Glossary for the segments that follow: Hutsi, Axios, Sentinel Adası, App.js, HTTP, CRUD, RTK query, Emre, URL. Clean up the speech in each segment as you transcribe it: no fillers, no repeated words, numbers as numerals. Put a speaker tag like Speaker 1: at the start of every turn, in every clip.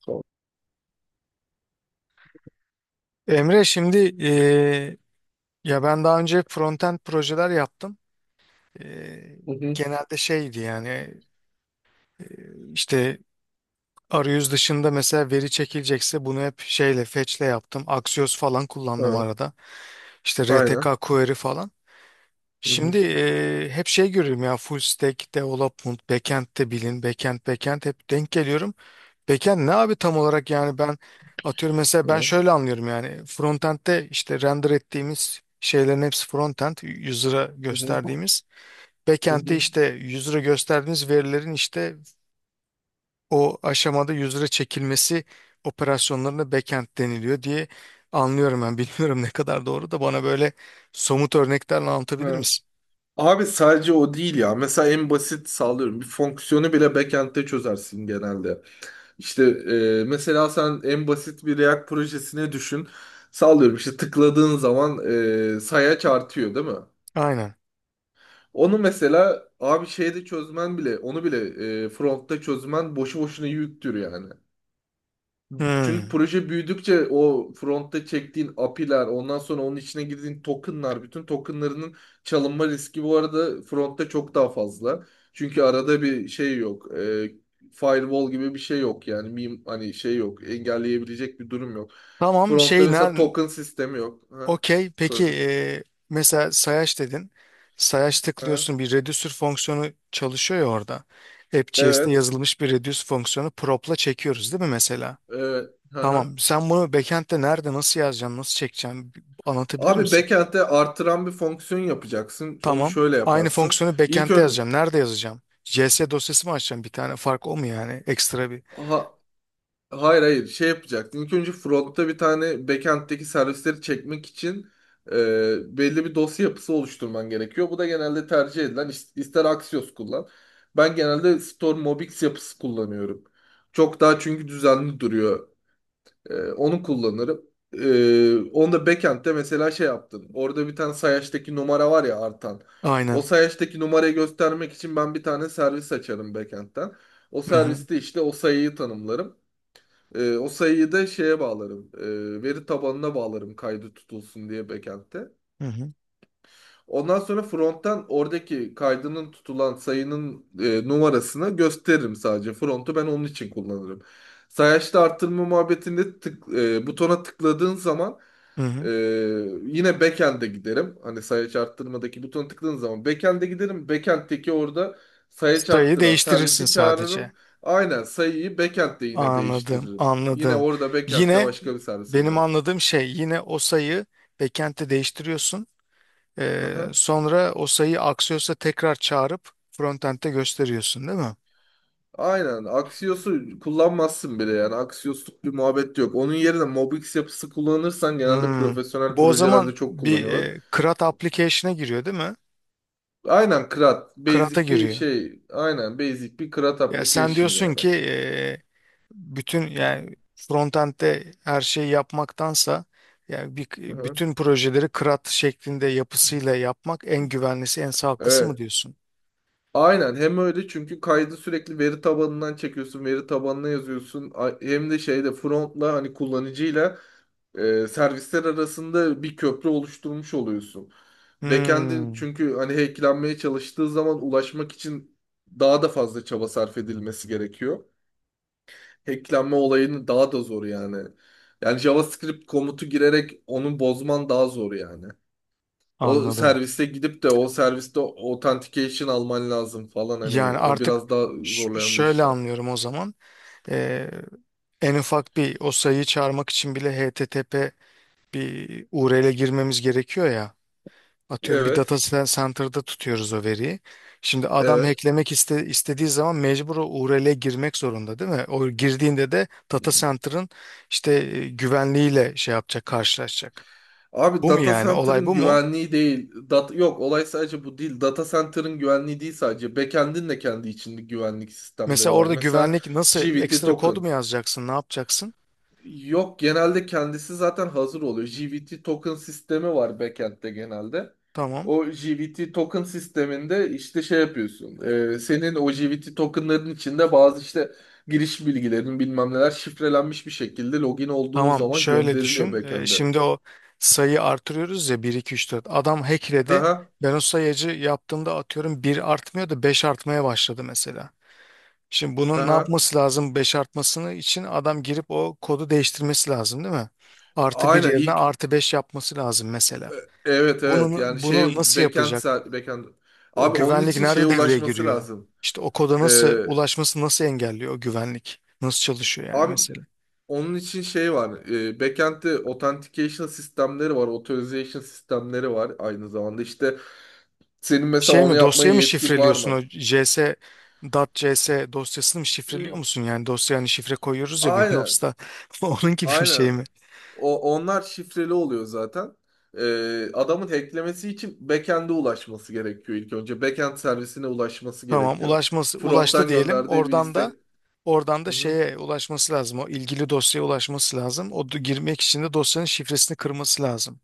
Speaker 1: Sol.
Speaker 2: Emre şimdi ya ben daha önce frontend projeler yaptım. Eee,
Speaker 1: Hı hı.
Speaker 2: genelde şeydi yani işte arayüz dışında mesela veri çekilecekse bunu hep şeyle fetch'le yaptım. Axios falan kullandım
Speaker 1: Ha,
Speaker 2: arada. İşte
Speaker 1: aynen.
Speaker 2: RTK query falan.
Speaker 1: Hı hı.
Speaker 2: Şimdi hep şey görüyorum ya full stack development, backend de bilin, backend backend hep denk geliyorum. Backend ne abi tam olarak yani ben atıyorum mesela ben
Speaker 1: Ha,
Speaker 2: şöyle anlıyorum yani frontend'de işte render ettiğimiz şeylerin hepsi frontend user'a
Speaker 1: hı hı.
Speaker 2: gösterdiğimiz
Speaker 1: Hı
Speaker 2: backend'de
Speaker 1: hı.
Speaker 2: işte user'a gösterdiğimiz verilerin işte o aşamada user'a çekilmesi operasyonlarına backend deniliyor diye anlıyorum ben bilmiyorum ne kadar doğru da bana böyle somut örneklerle anlatabilir
Speaker 1: Ha.
Speaker 2: misin?
Speaker 1: Abi sadece o değil ya. Mesela en basit sallıyorum. Bir fonksiyonu bile backend'te çözersin genelde. İşte, mesela sen en basit bir React projesine düşün. Sallıyorum işte tıkladığın zaman sayaç artıyor değil mi?
Speaker 2: Aynen.
Speaker 1: Onu mesela abi şeyde çözmen bile, onu bile frontta çözmen boşu boşuna yüktür yani. Çünkü
Speaker 2: Hmm.
Speaker 1: proje büyüdükçe o frontta çektiğin API'ler, ondan sonra onun içine girdiğin tokenlar, bütün tokenlarının çalınma riski bu arada frontta çok daha fazla. Çünkü arada bir şey yok. Firewall gibi bir şey yok yani. Hani şey yok. Engelleyebilecek bir durum yok.
Speaker 2: Tamam
Speaker 1: Frontta
Speaker 2: şey
Speaker 1: mesela
Speaker 2: nerede?
Speaker 1: token sistemi yok. Ha?
Speaker 2: Okey. Peki
Speaker 1: Söyle.
Speaker 2: mesela sayaç dedin. Sayaç
Speaker 1: Ha?
Speaker 2: tıklıyorsun bir reducer fonksiyonu çalışıyor ya orada. App.js'te
Speaker 1: Evet.
Speaker 2: yazılmış bir reduce fonksiyonu prop'la çekiyoruz değil mi mesela?
Speaker 1: Evet. Aha.
Speaker 2: Tamam. Sen bunu backend'de nerede nasıl yazacaksın, nasıl çekeceksin bir anlatabilir
Speaker 1: Abi
Speaker 2: misin?
Speaker 1: backend'de artıran bir fonksiyon yapacaksın. Onu
Speaker 2: Tamam.
Speaker 1: şöyle
Speaker 2: Aynı
Speaker 1: yaparsın.
Speaker 2: fonksiyonu
Speaker 1: İlk
Speaker 2: backend'de yazacağım. Nerede yazacağım? JS dosyası mı açacağım bir tane? Fark o mu yani? Ekstra bir.
Speaker 1: ön... Hayır, hayır, şey yapacaktın. İlk önce frontta bir tane backend'deki servisleri çekmek için belli bir dosya yapısı oluşturman gerekiyor. Bu da genelde tercih edilen ister Axios kullan. Ben genelde Storm Mobix yapısı kullanıyorum. Çok daha çünkü düzenli duruyor. Onu kullanırım. Onu da backend'de mesela şey yaptın. Orada bir tane sayaçtaki numara var ya, artan. O
Speaker 2: Aynen.
Speaker 1: sayaçtaki numarayı göstermek için ben bir tane servis açarım backend'den. O
Speaker 2: Hı hı.
Speaker 1: serviste işte o sayıyı tanımlarım. O sayıyı da şeye bağlarım. Veri tabanına bağlarım kaydı tutulsun diye backend'te.
Speaker 2: Hı hı.
Speaker 1: Ondan sonra front'tan oradaki kaydının tutulan sayının numarasını gösteririm sadece. Front'u ben onun için kullanırım. Sayaçta arttırma muhabbetinde butona tıkladığın zaman
Speaker 2: Hı
Speaker 1: ee,
Speaker 2: hı.
Speaker 1: yine backend'e giderim. Hani sayaç arttırmadaki butona tıkladığın zaman backend'e giderim. Backend'teki orada sayaç
Speaker 2: Sayıyı
Speaker 1: arttıran
Speaker 2: değiştirirsin
Speaker 1: servisi
Speaker 2: sadece.
Speaker 1: çağırırım. Aynen, sayıyı backend'de yine
Speaker 2: Anladım,
Speaker 1: değiştiririm. Yine
Speaker 2: anladım.
Speaker 1: orada backend'de
Speaker 2: Yine
Speaker 1: başka bir servise
Speaker 2: benim
Speaker 1: giderim.
Speaker 2: anladığım şey yine o sayı backend'te değiştiriyorsun.
Speaker 1: Aha.
Speaker 2: Sonra o sayı Axios'a tekrar çağırıp frontend'de gösteriyorsun değil mi?
Speaker 1: Aynen. Axios'u kullanmazsın bile yani. Axios'luk bir muhabbet yok. Onun yerine Mobix yapısı kullanırsan genelde
Speaker 2: Hmm.
Speaker 1: profesyonel
Speaker 2: Bu o
Speaker 1: projelerde
Speaker 2: zaman
Speaker 1: çok
Speaker 2: bir
Speaker 1: kullanıyorlar.
Speaker 2: CRUD application'a giriyor değil mi?
Speaker 1: Aynen CRUD.
Speaker 2: CRUD'a
Speaker 1: Basic bir
Speaker 2: giriyor.
Speaker 1: şey. Aynen basic bir CRUD
Speaker 2: Ya sen
Speaker 1: application
Speaker 2: diyorsun
Speaker 1: yani.
Speaker 2: ki bütün yani frontend'de her şeyi yapmaktansa yani bir,
Speaker 1: Aha.
Speaker 2: bütün projeleri CRUD şeklinde yapısıyla yapmak en güvenlisi, en sağlıklısı mı
Speaker 1: Evet.
Speaker 2: diyorsun?
Speaker 1: Aynen, hem öyle çünkü kaydı sürekli veri tabanından çekiyorsun, veri tabanına yazıyorsun. Hem de şeyde frontla hani kullanıcıyla servisler arasında bir köprü oluşturmuş oluyorsun. Backend'in
Speaker 2: Hmm,
Speaker 1: çünkü hani hacklenmeye çalıştığı zaman ulaşmak için daha da fazla çaba sarf edilmesi gerekiyor. Hacklenme olayını daha da zor yani. Yani JavaScript komutu girerek onu bozman daha zor yani. O
Speaker 2: anladım.
Speaker 1: serviste gidip de o serviste authentication alman lazım falan,
Speaker 2: Yani
Speaker 1: hani o
Speaker 2: artık
Speaker 1: biraz daha zorlayan bir
Speaker 2: şöyle
Speaker 1: işlem.
Speaker 2: anlıyorum o zaman. Ee, en ufak bir o sayıyı çağırmak için bile HTTP bir URL'e girmemiz gerekiyor ya. Atıyorum bir
Speaker 1: Evet.
Speaker 2: data center'da tutuyoruz o veriyi. Şimdi adam
Speaker 1: Evet.
Speaker 2: hacklemek istediği zaman mecbur o URL'e girmek zorunda değil mi? O girdiğinde de data center'ın işte güvenliğiyle şey yapacak, karşılaşacak.
Speaker 1: Abi
Speaker 2: Bu mu
Speaker 1: data
Speaker 2: yani? Olay
Speaker 1: center'ın
Speaker 2: bu mu?
Speaker 1: güvenliği değil. Yok, olay sadece bu değil. Data center'ın güvenliği değil sadece. Backend'in de kendi içinde güvenlik sistemleri
Speaker 2: Mesela
Speaker 1: var.
Speaker 2: orada
Speaker 1: Mesela
Speaker 2: güvenlik nasıl
Speaker 1: JWT
Speaker 2: ekstra kod
Speaker 1: token.
Speaker 2: mu yazacaksın, ne yapacaksın?
Speaker 1: Yok, genelde kendisi zaten hazır oluyor. JWT token sistemi var backend'de genelde.
Speaker 2: Tamam.
Speaker 1: O JWT token sisteminde işte şey yapıyorsun. Senin o JWT tokenların içinde bazı işte giriş bilgilerin bilmem neler şifrelenmiş bir şekilde login olduğun
Speaker 2: Tamam
Speaker 1: zaman
Speaker 2: şöyle
Speaker 1: gönderiliyor
Speaker 2: düşün. Şimdi
Speaker 1: backend'e.
Speaker 2: o sayı artırıyoruz ya bir 2 3 4. Adam
Speaker 1: Hı
Speaker 2: hackledi.
Speaker 1: hı.
Speaker 2: Ben o sayacı yaptığımda atıyorum bir artmıyor da 5 artmaya başladı mesela. Şimdi bunun ne yapması lazım 5 artmasını için adam girip o kodu değiştirmesi lazım değil mi? Artı bir
Speaker 1: Aynen.
Speaker 2: yerine artı 5 yapması lazım
Speaker 1: E,
Speaker 2: mesela.
Speaker 1: evet, evet,
Speaker 2: Bunu,
Speaker 1: yani şey,
Speaker 2: bunu nasıl yapacak?
Speaker 1: backend,
Speaker 2: O
Speaker 1: abi onun
Speaker 2: güvenlik
Speaker 1: için şeye
Speaker 2: nerede devreye
Speaker 1: ulaşması
Speaker 2: giriyor?
Speaker 1: lazım.
Speaker 2: İşte o koda nasıl
Speaker 1: Ee,
Speaker 2: ulaşması nasıl engelliyor o güvenlik? Nasıl çalışıyor yani
Speaker 1: Abi,
Speaker 2: mesela?
Speaker 1: onun için şey var. Backend'de authentication sistemleri var. Authorization sistemleri var aynı zamanda. İşte senin mesela
Speaker 2: Şey
Speaker 1: onu
Speaker 2: mi
Speaker 1: yapmaya
Speaker 2: dosyayı mı
Speaker 1: yetkin var
Speaker 2: şifreliyorsun
Speaker 1: mı?
Speaker 2: o CS .dot .cs dosyasını mı şifreliyor
Speaker 1: Hmm.
Speaker 2: musun yani dosya hani şifre koyuyoruz ya
Speaker 1: Aynen.
Speaker 2: Windows'ta onun gibi bir
Speaker 1: Aynen.
Speaker 2: şey mi?
Speaker 1: O, onlar şifreli oluyor zaten. Adamın hacklemesi için backend'e ulaşması gerekiyor ilk önce. Backend servisine ulaşması
Speaker 2: Tamam
Speaker 1: gerekiyor.
Speaker 2: ulaşması ulaştı
Speaker 1: Front'tan
Speaker 2: diyelim
Speaker 1: gönderdiği bir
Speaker 2: oradan da
Speaker 1: istek.
Speaker 2: oradan da
Speaker 1: Hı hı.
Speaker 2: şeye ulaşması lazım o ilgili dosyaya ulaşması lazım o girmek için de dosyanın şifresini kırması lazım.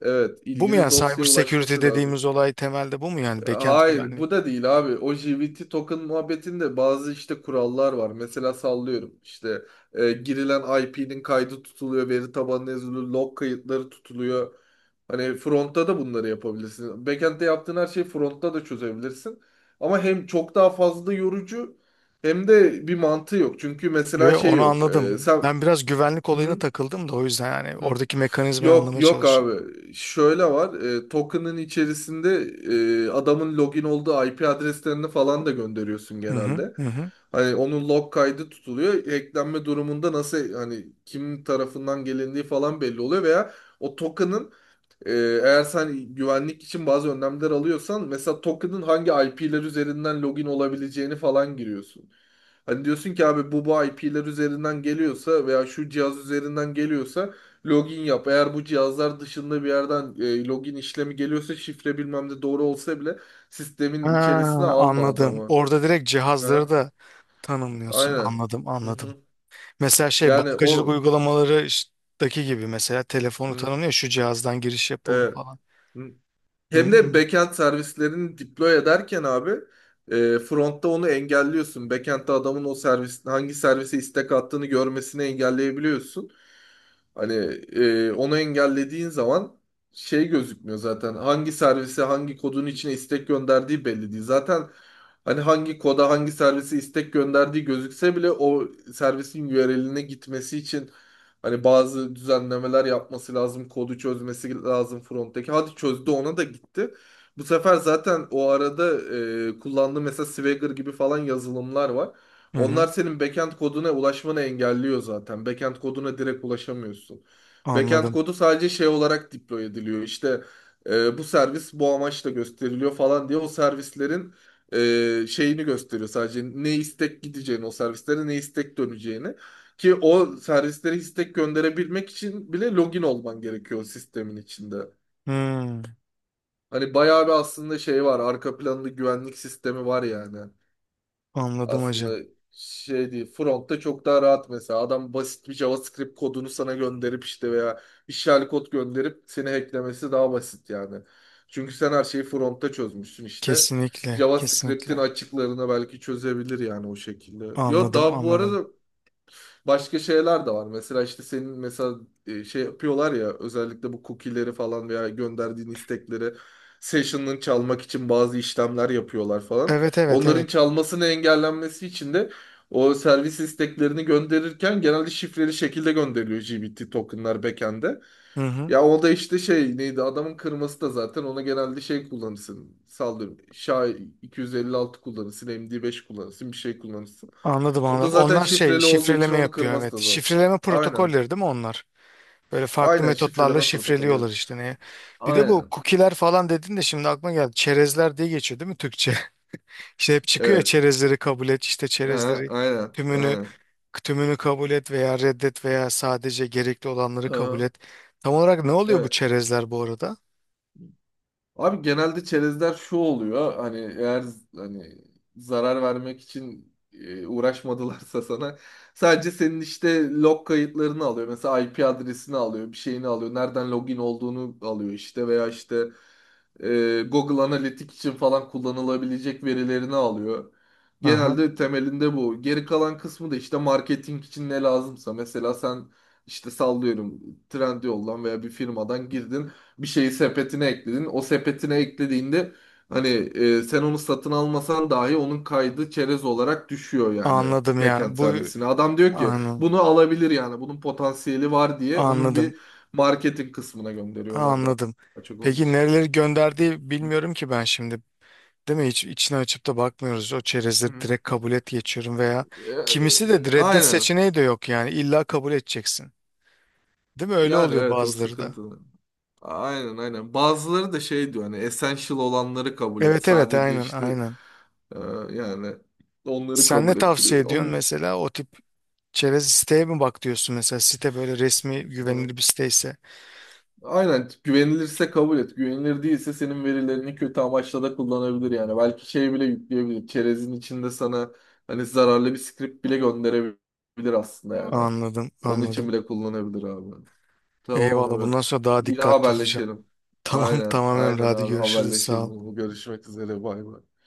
Speaker 1: Evet,
Speaker 2: Bu mu yani
Speaker 1: ilgili
Speaker 2: cyber
Speaker 1: dosyaya
Speaker 2: security
Speaker 1: ulaşması lazım.
Speaker 2: dediğimiz olay temelde bu mu yani backend
Speaker 1: Hayır,
Speaker 2: güvenliği?
Speaker 1: bu da değil abi. O JWT token muhabbetinde bazı işte kurallar var. Mesela sallıyorum işte girilen IP'nin kaydı tutuluyor, veri tabanına yazılıyor, log kayıtları tutuluyor. Hani frontta da bunları yapabilirsin. Backend'de yaptığın her şeyi frontta da çözebilirsin. Ama hem çok daha fazla yorucu, hem de bir mantığı yok. Çünkü
Speaker 2: Yo,
Speaker 1: mesela
Speaker 2: yo,
Speaker 1: şey
Speaker 2: onu
Speaker 1: yok.
Speaker 2: anladım.
Speaker 1: Sen...
Speaker 2: Ben biraz güvenlik olayına
Speaker 1: Hı
Speaker 2: takıldım da o yüzden yani
Speaker 1: hı.
Speaker 2: oradaki mekanizmayı
Speaker 1: Yok,
Speaker 2: anlamaya
Speaker 1: yok abi.
Speaker 2: çalışıyorum.
Speaker 1: Şöyle var. Token'ın içerisinde adamın login olduğu IP adreslerini falan da gönderiyorsun
Speaker 2: Hı hı,
Speaker 1: genelde.
Speaker 2: hı hı.
Speaker 1: Hani onun log kaydı tutuluyor. Hacklenme durumunda nasıl hani kim tarafından gelindiği falan belli oluyor veya o token'ın e, eğer sen güvenlik için bazı önlemler alıyorsan mesela token'ın hangi IP'ler üzerinden login olabileceğini falan giriyorsun. Hani diyorsun ki abi bu IP'ler üzerinden geliyorsa veya şu cihaz üzerinden geliyorsa login yap. Eğer bu cihazlar dışında bir yerden login işlemi geliyorsa şifre bilmem de doğru olsa bile sistemin
Speaker 2: Ha,
Speaker 1: içerisine alma
Speaker 2: anladım.
Speaker 1: adamı.
Speaker 2: Orada direkt cihazları
Speaker 1: Ha?
Speaker 2: da tanımlıyorsun.
Speaker 1: Aynen.
Speaker 2: Anladım,
Speaker 1: Hı
Speaker 2: anladım.
Speaker 1: hı.
Speaker 2: Mesela şey
Speaker 1: Yani
Speaker 2: bankacılık
Speaker 1: o...
Speaker 2: uygulamaları gibi mesela telefonu
Speaker 1: Hı.
Speaker 2: tanımlıyor. Şu cihazdan giriş yapıldı
Speaker 1: Evet.
Speaker 2: falan.
Speaker 1: Hı.
Speaker 2: Hı
Speaker 1: Hem de
Speaker 2: hı.
Speaker 1: backend servislerini deploy ederken abi frontta onu engelliyorsun. Backend'de adamın o servis hangi servise istek attığını görmesini engelleyebiliyorsun. Hani onu engellediğin zaman şey gözükmüyor zaten. Hangi servise hangi kodun içine istek gönderdiği belli değil. Zaten hani hangi koda hangi servise istek gönderdiği gözükse bile o servisin URL'ine gitmesi için hani bazı düzenlemeler yapması lazım, kodu çözmesi lazım fronttaki. Hadi, çözdü, ona da gitti. Bu sefer zaten o arada kullandığı mesela Swagger gibi falan yazılımlar var.
Speaker 2: Hı
Speaker 1: Onlar
Speaker 2: hı.
Speaker 1: senin backend koduna ulaşmanı engelliyor zaten. Backend koduna direkt ulaşamıyorsun. Backend
Speaker 2: Anladım.
Speaker 1: kodu sadece şey olarak deploy ediliyor. İşte bu servis bu amaçla gösteriliyor falan diye o servislerin şeyini gösteriyor sadece, ne istek gideceğini o servislere, ne istek döneceğini. Ki o servislere istek gönderebilmek için bile login olman gerekiyor o sistemin içinde.
Speaker 2: Hı,
Speaker 1: Hani bayağı bir aslında şey var. Arka planlı güvenlik sistemi var yani.
Speaker 2: anladım hacı.
Speaker 1: Aslında şey değil. Front'ta çok daha rahat mesela. Adam basit bir JavaScript kodunu sana gönderip işte veya işgal kod gönderip seni hacklemesi daha basit yani. Çünkü sen her şeyi front'ta çözmüşsün işte.
Speaker 2: Kesinlikle,
Speaker 1: JavaScript'in
Speaker 2: kesinlikle.
Speaker 1: açıklarını belki çözebilir yani o şekilde. Yo,
Speaker 2: Anladım,
Speaker 1: daha bu
Speaker 2: anladım.
Speaker 1: arada başka şeyler de var. Mesela işte senin mesela şey yapıyorlar ya, özellikle bu cookie'leri falan veya gönderdiğin istekleri session'ın çalmak için bazı işlemler yapıyorlar falan.
Speaker 2: Evet, evet,
Speaker 1: Onların
Speaker 2: evet.
Speaker 1: çalmasını engellenmesi için de o servis isteklerini gönderirken genelde şifreli şekilde gönderiliyor GBT tokenlar backend'e.
Speaker 2: Hı hı.
Speaker 1: Ya o da işte şey neydi adamın kırması da zaten, ona genelde şey kullanırsın. Sallıyorum. SHA 256 kullanırsın. MD5 kullanırsın. Bir şey kullanırsın.
Speaker 2: Anladım,
Speaker 1: O da
Speaker 2: anladım.
Speaker 1: zaten
Speaker 2: Onlar şey
Speaker 1: şifreli olduğu için
Speaker 2: şifreleme
Speaker 1: onu
Speaker 2: yapıyor
Speaker 1: kırması
Speaker 2: evet.
Speaker 1: da zor.
Speaker 2: Şifreleme
Speaker 1: Aynen.
Speaker 2: protokolleri değil mi onlar? Böyle farklı
Speaker 1: Aynen
Speaker 2: metotlarla
Speaker 1: şifreleme protokolü.
Speaker 2: şifreliyorlar
Speaker 1: Evet.
Speaker 2: işte neye. Bir de bu
Speaker 1: Aynen.
Speaker 2: cookie'ler falan dedin de şimdi aklıma geldi. Çerezler diye geçiyor değil mi Türkçe? İşte hep çıkıyor ya
Speaker 1: Evet.
Speaker 2: çerezleri kabul et, işte
Speaker 1: Ha,
Speaker 2: çerezleri
Speaker 1: aynen.
Speaker 2: tümünü
Speaker 1: Aynen.
Speaker 2: Tümünü kabul et veya reddet veya sadece gerekli olanları kabul
Speaker 1: Aha,
Speaker 2: et. Tam olarak ne oluyor bu
Speaker 1: evet.
Speaker 2: çerezler bu arada?
Speaker 1: Abi genelde çerezler şu oluyor. Hani eğer hani zarar vermek için uğraşmadılarsa sana sadece senin işte log kayıtlarını alıyor. Mesela IP adresini alıyor, bir şeyini alıyor. Nereden login olduğunu alıyor işte veya işte Google Analytics için falan kullanılabilecek verilerini alıyor.
Speaker 2: Aha.
Speaker 1: Genelde temelinde bu. Geri kalan kısmı da işte marketing için ne lazımsa. Mesela sen işte sallıyorum Trendyol'dan veya bir firmadan girdin bir şeyi sepetine ekledin. O sepetine eklediğinde hani sen onu satın almasan dahi onun kaydı çerez olarak düşüyor yani
Speaker 2: Anladım ya.
Speaker 1: backend
Speaker 2: Bu
Speaker 1: servisine. Adam diyor ki
Speaker 2: anladım.
Speaker 1: bunu alabilir yani bunun potansiyeli var diye onun
Speaker 2: Anladım.
Speaker 1: bir marketing kısmına
Speaker 2: Ha,
Speaker 1: gönderiyorlar da
Speaker 2: anladım.
Speaker 1: açık onun
Speaker 2: Peki
Speaker 1: için.
Speaker 2: nereleri gönderdiği
Speaker 1: Hı
Speaker 2: bilmiyorum ki ben şimdi. Değil mi? Hiç içine açıp da bakmıyoruz. O çerezleri
Speaker 1: hı.
Speaker 2: direkt kabul et geçiyorum veya kimisi de reddet
Speaker 1: Aynen.
Speaker 2: seçeneği de yok yani. İlla kabul edeceksin. Değil mi? Öyle
Speaker 1: Yani
Speaker 2: oluyor
Speaker 1: evet o
Speaker 2: bazıları da.
Speaker 1: sıkıntı. Aynen, aynen. Bazıları da şey diyor, hani essential olanları kabul et.
Speaker 2: Evet evet
Speaker 1: Sadece
Speaker 2: aynen
Speaker 1: işte
Speaker 2: aynen.
Speaker 1: e, yani onları
Speaker 2: Sen ne
Speaker 1: kabul
Speaker 2: tavsiye
Speaker 1: ettiriyor.
Speaker 2: ediyorsun
Speaker 1: Onun,
Speaker 2: mesela o tip çerez siteye mi bak diyorsun mesela site böyle resmi güvenilir bir siteyse.
Speaker 1: aynen güvenilirse kabul et. Güvenilir değilse senin verilerini kötü amaçla da kullanabilir yani. Belki şey bile yükleyebilir. Çerezin içinde sana hani zararlı bir script bile gönderebilir aslında yani.
Speaker 2: Anladım
Speaker 1: Onun için
Speaker 2: anladım.
Speaker 1: bile kullanabilir abi. Tamam
Speaker 2: Eyvallah
Speaker 1: abi.
Speaker 2: bundan sonra daha
Speaker 1: Yine
Speaker 2: dikkatli olacağım.
Speaker 1: haberleşelim.
Speaker 2: Tamam
Speaker 1: Aynen,
Speaker 2: tamam Emre
Speaker 1: aynen
Speaker 2: hadi
Speaker 1: abi,
Speaker 2: görüşürüz sağ ol.
Speaker 1: haberleşelim. Görüşmek üzere, bay bay.